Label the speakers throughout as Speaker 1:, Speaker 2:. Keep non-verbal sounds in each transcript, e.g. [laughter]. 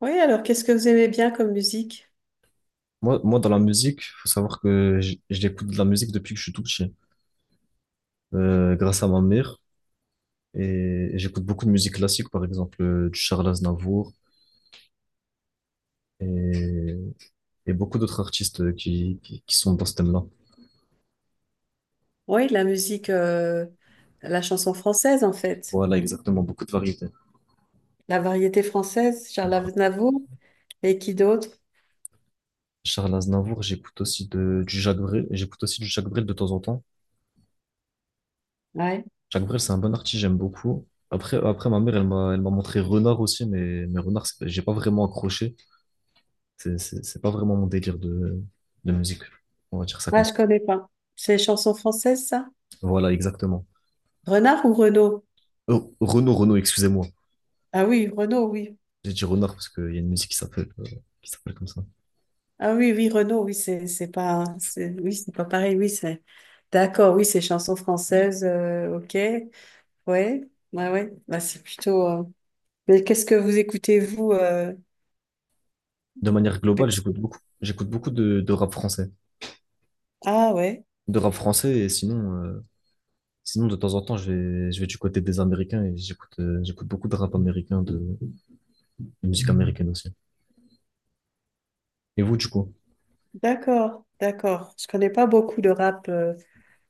Speaker 1: Oui, alors qu'est-ce que vous aimez bien comme musique?
Speaker 2: Moi, dans la musique, faut savoir que j'écoute de la musique depuis que je suis tout petit, grâce à ma mère. Et j'écoute beaucoup de musique classique, par exemple, du Charles Aznavour et, et beaucoup d'autres artistes qui sont dans ce thème-là.
Speaker 1: Oui, la musique, la chanson française en fait,
Speaker 2: Voilà, exactement, beaucoup de variétés.
Speaker 1: la variété française, Charles
Speaker 2: Voilà.
Speaker 1: Aznavour et qui d'autre?
Speaker 2: Charles Aznavour, j'écoute aussi du Jacques Brel, j'écoute aussi du Jacques Brel de temps en temps.
Speaker 1: Ouais.
Speaker 2: Jacques Brel, c'est un bon artiste, j'aime beaucoup. Après, ma mère, elle m'a montré Renard aussi, mais Renard, j'ai pas vraiment accroché. C'est pas vraiment mon délire de musique. On va dire ça
Speaker 1: Ah,
Speaker 2: comme ça.
Speaker 1: je connais pas. C'est chansons françaises ça?
Speaker 2: Voilà, exactement.
Speaker 1: Renard ou Renaud?
Speaker 2: Oh, Renaud, excusez-moi.
Speaker 1: Ah oui, Renaud, oui.
Speaker 2: J'ai dit Renard parce qu'il y a une musique qui s'appelle comme ça.
Speaker 1: Ah oui, oui, Renaud, oui, c'est pas, c'est, oui, c'est pas pareil, oui, c'est. D'accord, oui, c'est chansons françaises, ok. Ouais, ouais, ouais. Bah, c'est plutôt. Mais qu'est-ce que vous écoutez vous?
Speaker 2: De manière globale,
Speaker 1: Perso-
Speaker 2: j'écoute beaucoup de rap français.
Speaker 1: Ah ouais.
Speaker 2: De rap français, et sinon, sinon de temps en temps, je vais du côté des Américains et j'écoute beaucoup de rap américain, de musique américaine aussi. Et vous, du coup?
Speaker 1: D'accord, d'accord. Je connais pas beaucoup de rap.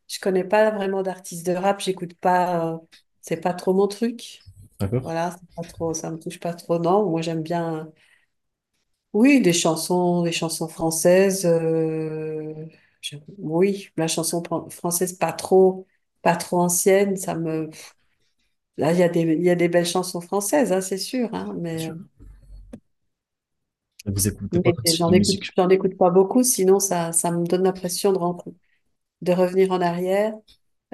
Speaker 1: Je connais pas vraiment d'artistes de rap. J'écoute pas. C'est pas trop mon truc.
Speaker 2: D'accord?
Speaker 1: Voilà, c'est pas trop. Ça me touche pas trop, non. Moi, j'aime bien. Oui, des chansons françaises. Oui, la française pas trop, pas trop ancienne. Ça me. Là, il y a des, il y a des belles chansons françaises, hein, c'est sûr. Hein,
Speaker 2: C'est sûr. Vous écoutez quoi
Speaker 1: mais
Speaker 2: comme style de musique?
Speaker 1: j'en écoute pas beaucoup. Sinon, ça me donne l'impression de, de revenir en arrière.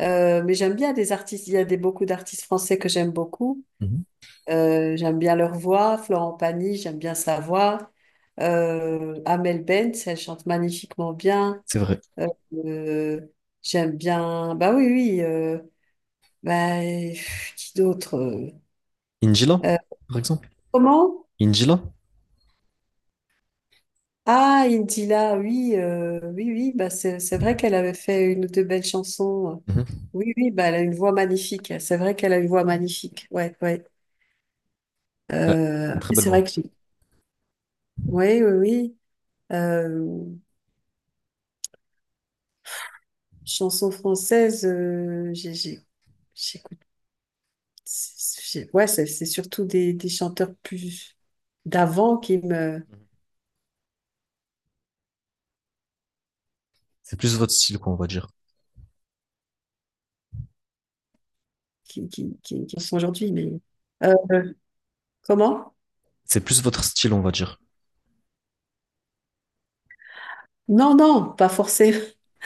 Speaker 1: Mais j'aime bien des artistes. Il y a des, beaucoup d'artistes français que j'aime beaucoup.
Speaker 2: Mhm.
Speaker 1: J'aime bien leur voix. Florent Pagny, j'aime bien sa voix. Amel Bent, elle chante magnifiquement bien.
Speaker 2: C'est vrai.
Speaker 1: Euh, euh, J'aime bien. Bah oui, oui. Bah, pff, qui d'autre?
Speaker 2: Injila,
Speaker 1: Euh,
Speaker 2: par exemple?
Speaker 1: Comment?
Speaker 2: Injila?
Speaker 1: Ah, Indila, oui, oui, oui. Bah c'est vrai qu'elle avait fait une ou deux belles chansons.
Speaker 2: Mhm.
Speaker 1: Oui, oui. Bah elle a une voix magnifique. C'est vrai qu'elle a une voix magnifique. Ouais, ouais.
Speaker 2: Elle a une très belle
Speaker 1: C'est vrai
Speaker 2: voix.
Speaker 1: que oui, oui, oui. Euh, Chansons françaises, J'écoute. Ouais, c'est surtout des chanteurs plus d'avant qui me
Speaker 2: Mhm. C'est plus votre style, quoi, on va dire.
Speaker 1: qui sont aujourd'hui. Mais euh, comment?
Speaker 2: C'est plus votre style, on va dire.
Speaker 1: Non, non, pas forcément.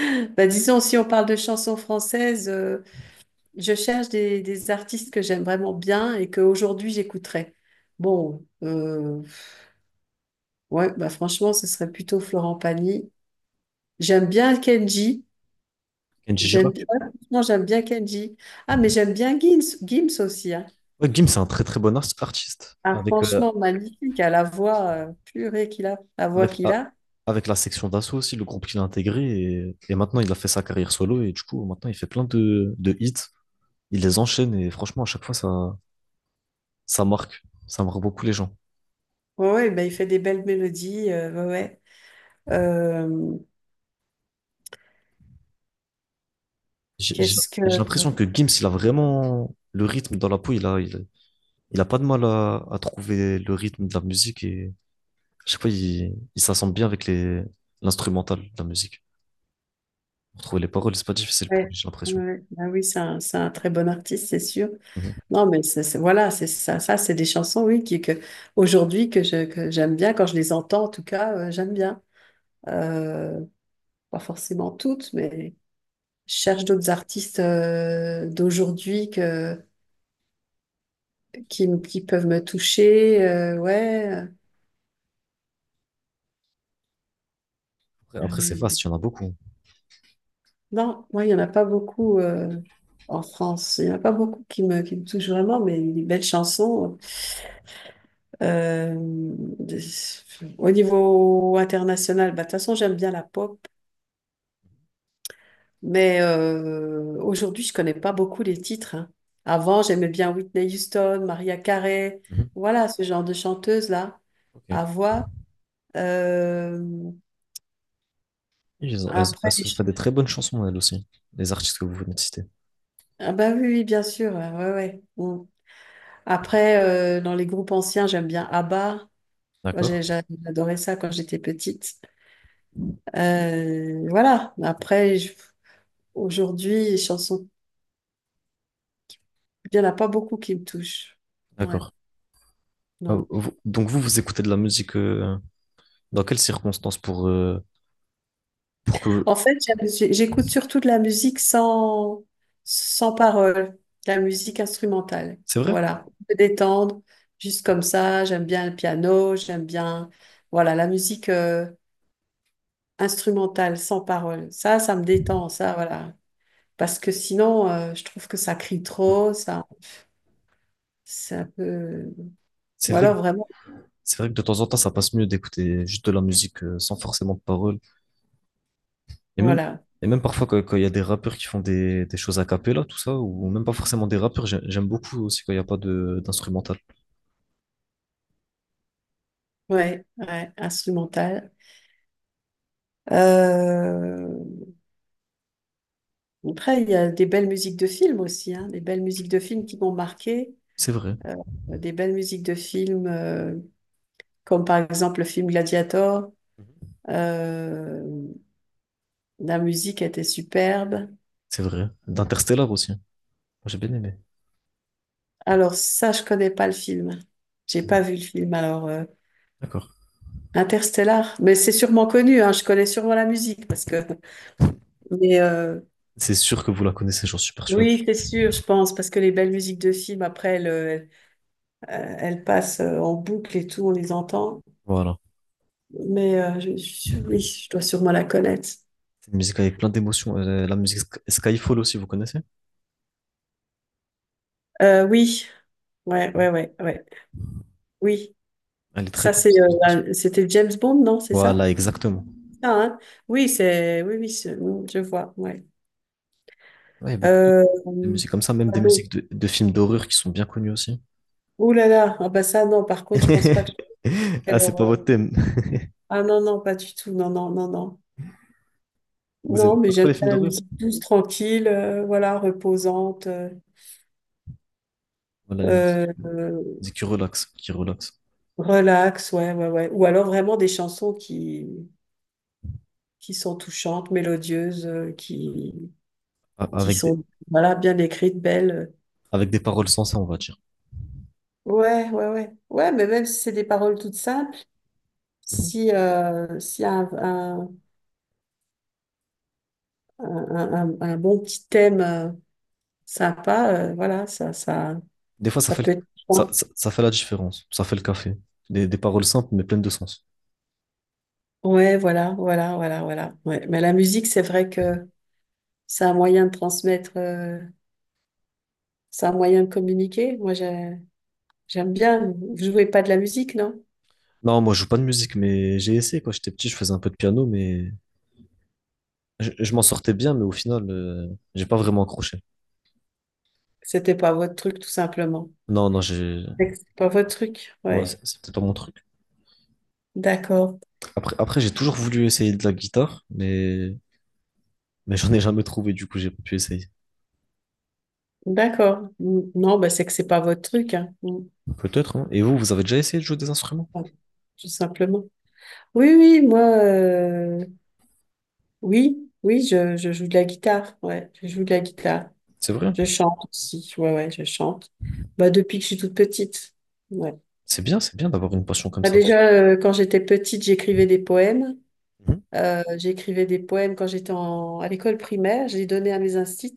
Speaker 1: [laughs] Bah, disons, si on parle de chansons françaises, je cherche des artistes que j'aime vraiment bien et qu'aujourd'hui j'écouterais. Bon, ouais, bah franchement, ce serait plutôt Florent Pagny. J'aime bien Kenji.
Speaker 2: Kenji.
Speaker 1: J'aime bien, ouais, franchement, j'aime bien Kenji. Ah, mais j'aime bien Gims, Gims aussi. Hein.
Speaker 2: Ouais, Gims, c'est un très très bon artiste.
Speaker 1: Ah,
Speaker 2: Avec,
Speaker 1: franchement, magnifique. À la voix purée qu'il a, la voix
Speaker 2: avec,
Speaker 1: qu'il
Speaker 2: ah,
Speaker 1: a.
Speaker 2: avec la section d'assaut aussi, le groupe qu'il a intégré. Et maintenant, il a fait sa carrière solo. Et du coup, maintenant, il fait plein de hits. Il les enchaîne. Et franchement, à chaque fois, ça marque. Ça marque beaucoup les gens.
Speaker 1: Ouais, ouais, ben, il fait des belles mélodies. Ouais, ouais. Euh,
Speaker 2: J'ai j'ai-
Speaker 1: Qu'est-ce que.
Speaker 2: j'ai
Speaker 1: Ouais,
Speaker 2: l'impression que Gims, il a vraiment le rythme dans la peau. Il a pas de mal à trouver le rythme de la musique. Et je sais pas, il s'assemble bien avec l'instrumental de la musique. Pour trouver les paroles, c'est pas difficile pour lui,
Speaker 1: ouais,
Speaker 2: j'ai l'impression.
Speaker 1: ouais. Ah oui, c'est un très bon artiste, c'est sûr.
Speaker 2: Mhm.
Speaker 1: Non, mais c'est, voilà, c'est ça. Ça, c'est des chansons, oui, qui, que, aujourd'hui, que je, que j'aime bien. Quand je les entends, en tout cas, j'aime bien. Euh, Pas forcément toutes, mais. Je
Speaker 2: C'est-
Speaker 1: cherche d'autres artistes d'aujourd'hui que, qui, qui peuvent me toucher. Ouais.
Speaker 2: après, c'est
Speaker 1: Amel B.
Speaker 2: vaste, il y en a beaucoup.
Speaker 1: Non, moi, il n'y en a pas beaucoup en France. Il n'y en a pas beaucoup qui me touchent vraiment, mais des belles chansons. Euh, de- Au niveau international, bah, de toute façon, j'aime bien la pop, mais aujourd'hui, je connais pas beaucoup les titres. Hein. Avant, j'aimais bien Whitney Houston, Maria Carey,
Speaker 2: Mhm.
Speaker 1: voilà, ce genre de chanteuse-là
Speaker 2: Ok. Et
Speaker 1: à voix. Euh,
Speaker 2: elles,
Speaker 1: Après,
Speaker 2: elles ont fait des très bonnes chansons, elles aussi, les artistes que vous venez de citer.
Speaker 1: ah bah oui, oui, bien sûr, ouais, ouais. Ouais. Mm. Après, dans les groupes anciens, j'aime bien ABBA. Moi,
Speaker 2: D'accord?
Speaker 1: J'adorais ça quand j'étais petite. Voilà. Après, aujourd'hui, les chansons, il n'y en a pas beaucoup qui me touchent. Ouais.
Speaker 2: D'accord. Ah, donc vous écoutez de la musique dans quelles circonstances pour que...
Speaker 1: En fait, J'écoute surtout de la musique sans, sans parole, de la musique instrumentale.
Speaker 2: C'est vrai?
Speaker 1: Voilà, me détendre, juste comme ça. J'aime bien le piano, j'aime bien, voilà, la musique instrumentale sans parole. Ça me détend, ça, voilà. Parce que sinon, je trouve que ça crie
Speaker 2: Mm.
Speaker 1: trop, ça, c'est un peu.
Speaker 2: C'est
Speaker 1: Ou
Speaker 2: vrai,
Speaker 1: alors
Speaker 2: que-
Speaker 1: vraiment,
Speaker 2: c'est vrai que de temps en temps, ça passe mieux d'écouter juste de la musique sans forcément de paroles. Et même,
Speaker 1: voilà,
Speaker 2: et même parfois, quand il y a des rappeurs qui font des choses a cappella, tout ça, ou même pas forcément des rappeurs, j'aime beaucoup aussi quand il n'y a pas de d'instrumental.
Speaker 1: ouais, ouais, instrumentale. Euh, Après, il y a des belles musiques de films aussi, hein, des belles musiques de films qui m'ont marqué,
Speaker 2: C'est vrai.
Speaker 1: euh, des belles musiques de films comme par exemple le film Gladiator.
Speaker 2: Mhm.
Speaker 1: euh, la musique était superbe.
Speaker 2: C'est vrai. D'Interstellar aussi. J'ai bien aimé.
Speaker 1: Alors ça, je connais pas le film. J'ai pas vu le film. Alors
Speaker 2: D'accord.
Speaker 1: Interstellar, mais c'est sûrement connu. Hein, je connais sûrement la musique parce que. Mais
Speaker 2: C'est sûr que vous la connaissez, j'en suis persuadé.
Speaker 1: oui, c'est sûr, je pense, parce que les belles musiques de films après, elles, elles passent en boucle et tout, on les entend.
Speaker 2: Voilà.
Speaker 1: Mais Oui, je dois sûrement la connaître.
Speaker 2: C'est une musique avec plein d'émotions. La musique Skyfall aussi, vous connaissez?
Speaker 1: Oui, ouais,
Speaker 2: Ouais.
Speaker 1: ouais, ouais, ouais. Oui,
Speaker 2: Elle est très
Speaker 1: ça
Speaker 2: connue,
Speaker 1: c'est,
Speaker 2: cette musique.
Speaker 1: C'était James Bond, non? C'est
Speaker 2: Voilà,
Speaker 1: ça?
Speaker 2: exactement.
Speaker 1: Ça, hein oui, c'est, oui, oui, je vois. Ouais.
Speaker 2: Ouais, il y a beaucoup
Speaker 1: Euh,
Speaker 2: de musiques comme ça, même
Speaker 1: quoi
Speaker 2: des
Speaker 1: d'autre
Speaker 2: musiques de films d'horreur qui sont bien connues aussi.
Speaker 1: ouh là là, ah bah ça non. Par contre, je pense pas que je
Speaker 2: [laughs] Ah,
Speaker 1: ferais leur,
Speaker 2: c'est pas votre thème. [laughs]
Speaker 1: ah non, non, pas du tout. Non, non, non, non.
Speaker 2: Vous
Speaker 1: Non,
Speaker 2: aimez
Speaker 1: mais
Speaker 2: pas trop
Speaker 1: j'aime
Speaker 2: les films
Speaker 1: bien la
Speaker 2: d'horreur?
Speaker 1: musique douce, tranquille, voilà, reposante,
Speaker 2: Voilà, les
Speaker 1: euh,
Speaker 2: musiques qui relaxent, qui relaxent.
Speaker 1: relax, ouais, ouais, ouais. Ou alors vraiment des chansons qui sont touchantes, mélodieuses,
Speaker 2: A-
Speaker 1: qui
Speaker 2: Avec des,
Speaker 1: sont voilà, bien écrites, belles.
Speaker 2: avec des paroles sensées, on va dire.
Speaker 1: Ouais, ouais, ouais. Ouais, mais même si c'est des paroles toutes simples,
Speaker 2: Mhm.
Speaker 1: si, s'il y a un, un bon petit thème sympa, voilà, ça, ça,
Speaker 2: Des fois, ça
Speaker 1: ça
Speaker 2: fait,
Speaker 1: peut
Speaker 2: le-
Speaker 1: être
Speaker 2: ça,
Speaker 1: bien.
Speaker 2: ça, ça fait la différence. Ça fait le café. Des paroles simples, mais pleines de sens.
Speaker 1: Ouais, voilà, voilà, voilà, voilà. Ouais. Mais la musique, c'est vrai que c'est un moyen de transmettre, c'est un moyen de communiquer. Moi, j'aime bien. Vous jouez pas de la musique, non?
Speaker 2: Non, moi, je joue pas de musique, mais j'ai essayé quand j'étais petit, je faisais un peu de piano, mais je m'en sortais bien, mais au final, j'ai pas vraiment accroché.
Speaker 1: C'était pas votre truc, tout simplement.
Speaker 2: Non, non, j'ai,
Speaker 1: C'est que c'est pas votre truc,
Speaker 2: ouais,
Speaker 1: ouais.
Speaker 2: c'est peut-être pas mon truc.
Speaker 1: D'accord,
Speaker 2: Après, j'ai toujours voulu essayer de la guitare, mais j'en ai jamais trouvé, du coup, j'ai pas pu essayer.
Speaker 1: d'accord. Mm. Non, bah c'est que c'est pas votre truc, hein. Mm.
Speaker 2: Peut-être, hein. Et vous, vous avez déjà essayé de jouer des instruments?
Speaker 1: Enfin, tout simplement. Oui, oui, moi, oui, oui, je joue de la guitare, ouais, je joue de la guitare.
Speaker 2: C'est vrai?
Speaker 1: Je chante aussi, ouais, ouais, je chante. Bah depuis que je suis toute petite, ouais.
Speaker 2: C'est bien d'avoir une passion comme
Speaker 1: Bah,
Speaker 2: ça.
Speaker 1: déjà, quand j'étais petite, j'écrivais des poèmes.
Speaker 2: Mhm.
Speaker 1: J'écrivais des poèmes quand à l'école primaire, je les donnais à mes instits.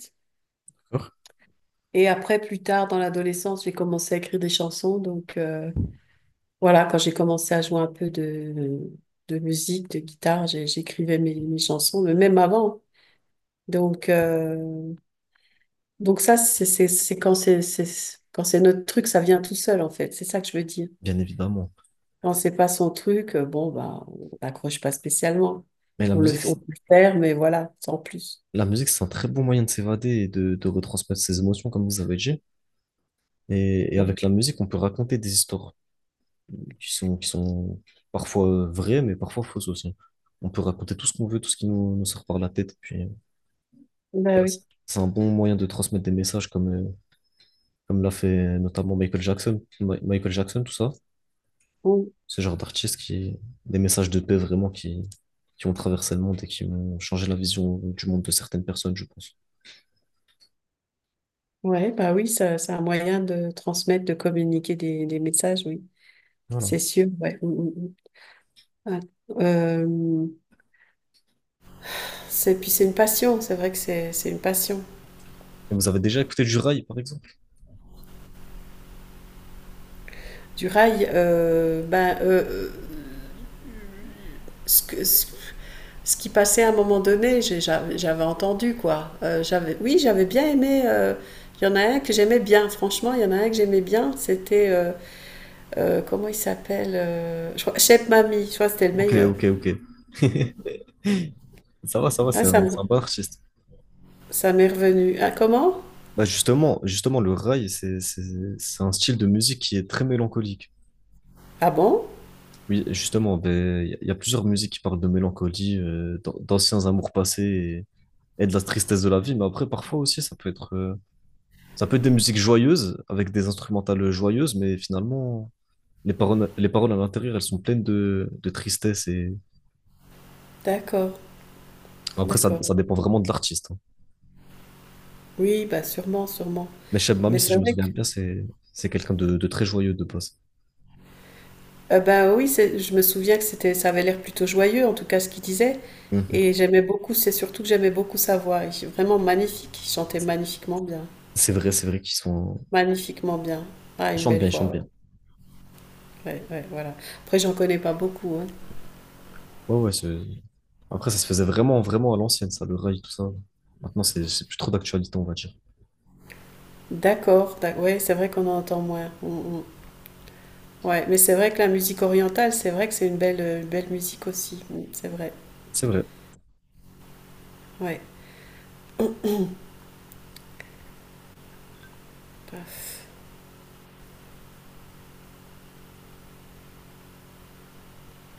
Speaker 2: D'accord.
Speaker 1: Et après, plus tard, dans l'adolescence, j'ai commencé à écrire des chansons, donc. Voilà, quand j'ai commencé à jouer un peu de musique, de guitare, j'écrivais mes, mes chansons, mais même avant. Donc, euh, donc ça, c'est quand quand c'est notre truc, ça vient tout seul, en fait. C'est ça que je veux dire.
Speaker 2: Bien évidemment.
Speaker 1: Quand c'est pas son truc, bon, bah, on n'accroche pas spécialement.
Speaker 2: Mais la musique,
Speaker 1: On
Speaker 2: c'est-
Speaker 1: peut le faire, mais voilà, sans plus.
Speaker 2: la musique, c'est un très bon moyen de s'évader et de retransmettre ses émotions, comme vous avez dit. Et
Speaker 1: Donc,
Speaker 2: avec la musique, on peut raconter des histoires qui sont parfois vraies, mais parfois fausses aussi. On peut raconter tout ce qu'on veut, tout ce qui nous sort par la tête. Puis,
Speaker 1: bah
Speaker 2: voilà,
Speaker 1: oui.
Speaker 2: c'est un bon moyen de transmettre des messages comme, comme l'a fait notamment Michael Jackson. Michael Jackson, tout ça.
Speaker 1: Bon,
Speaker 2: Ce genre des messages de paix vraiment qui ont traversé le monde et qui ont changé la vision du monde de certaines personnes, je pense.
Speaker 1: ouais, bah oui, c'est un moyen de transmettre, de communiquer des messages, oui.
Speaker 2: Voilà.
Speaker 1: C'est sûr, ouais. Mm, mm, mm. Ah, euh, c'est puis c'est une passion, c'est vrai que c'est une passion.
Speaker 2: Et vous avez déjà écouté du rail, par exemple?
Speaker 1: Du rail, ben ce, ce qui passait à un moment donné, j'avais entendu quoi. J'avais oui, j'avais bien aimé. Il y en a un que j'aimais bien, franchement, il y en a un que j'aimais bien. C'était comment il s'appelle Chef Mamie. Je crois que c'était le
Speaker 2: Ok,
Speaker 1: meilleur.
Speaker 2: ok, ok. [laughs] Ça va,
Speaker 1: Ah ça me-
Speaker 2: c'est un bon artiste.
Speaker 1: Ça m'est revenu. Ah comment
Speaker 2: Bah justement, justement, le rail, c'est un style de musique qui est très mélancolique.
Speaker 1: ah bon
Speaker 2: Oui, justement, ben, il y a, il y a plusieurs musiques qui parlent de mélancolie, d'anciens amours passés et de la tristesse de la vie. Mais après, parfois aussi, ça peut être des musiques joyeuses, avec des instrumentales joyeuses, mais finalement, les paroles à l'intérieur, elles sont pleines de tristesse. Et
Speaker 1: d'accord,
Speaker 2: après,
Speaker 1: d'accord.
Speaker 2: ça dépend vraiment de l'artiste, hein.
Speaker 1: Oui, bah sûrement, sûrement.
Speaker 2: Mais Cheb
Speaker 1: Mais
Speaker 2: Mami, si
Speaker 1: c'est
Speaker 2: je me
Speaker 1: vrai
Speaker 2: souviens bien, c'est quelqu'un de très joyeux de base.
Speaker 1: Bah oui, je me souviens que c'était, ça avait l'air plutôt joyeux, en tout cas ce qu'il disait.
Speaker 2: Mhm.
Speaker 1: Et j'aimais beaucoup, c'est surtout que j'aimais beaucoup sa voix. Il est vraiment magnifique, il chantait magnifiquement bien.
Speaker 2: C'est vrai qu'ils sont...
Speaker 1: Magnifiquement bien. Ah,
Speaker 2: Ils
Speaker 1: une
Speaker 2: chantent
Speaker 1: belle
Speaker 2: bien, ils chantent
Speaker 1: voix, ouais.
Speaker 2: bien.
Speaker 1: Ouais, ouais, voilà. Après, j'en connais pas beaucoup, hein.
Speaker 2: Ouais, ouais, c'est Après, ça se faisait vraiment, vraiment à l'ancienne, ça, le rail, tout ça. Maintenant, c'est plus trop d'actualité, on va dire.
Speaker 1: D'accord, ouais, c'est vrai qu'on en entend moins. Mm, mm. Ouais, mais c'est vrai que la musique orientale, c'est vrai que c'est une belle, belle musique aussi. Mm, c'est vrai,
Speaker 2: C'est vrai.
Speaker 1: ouais. Paf.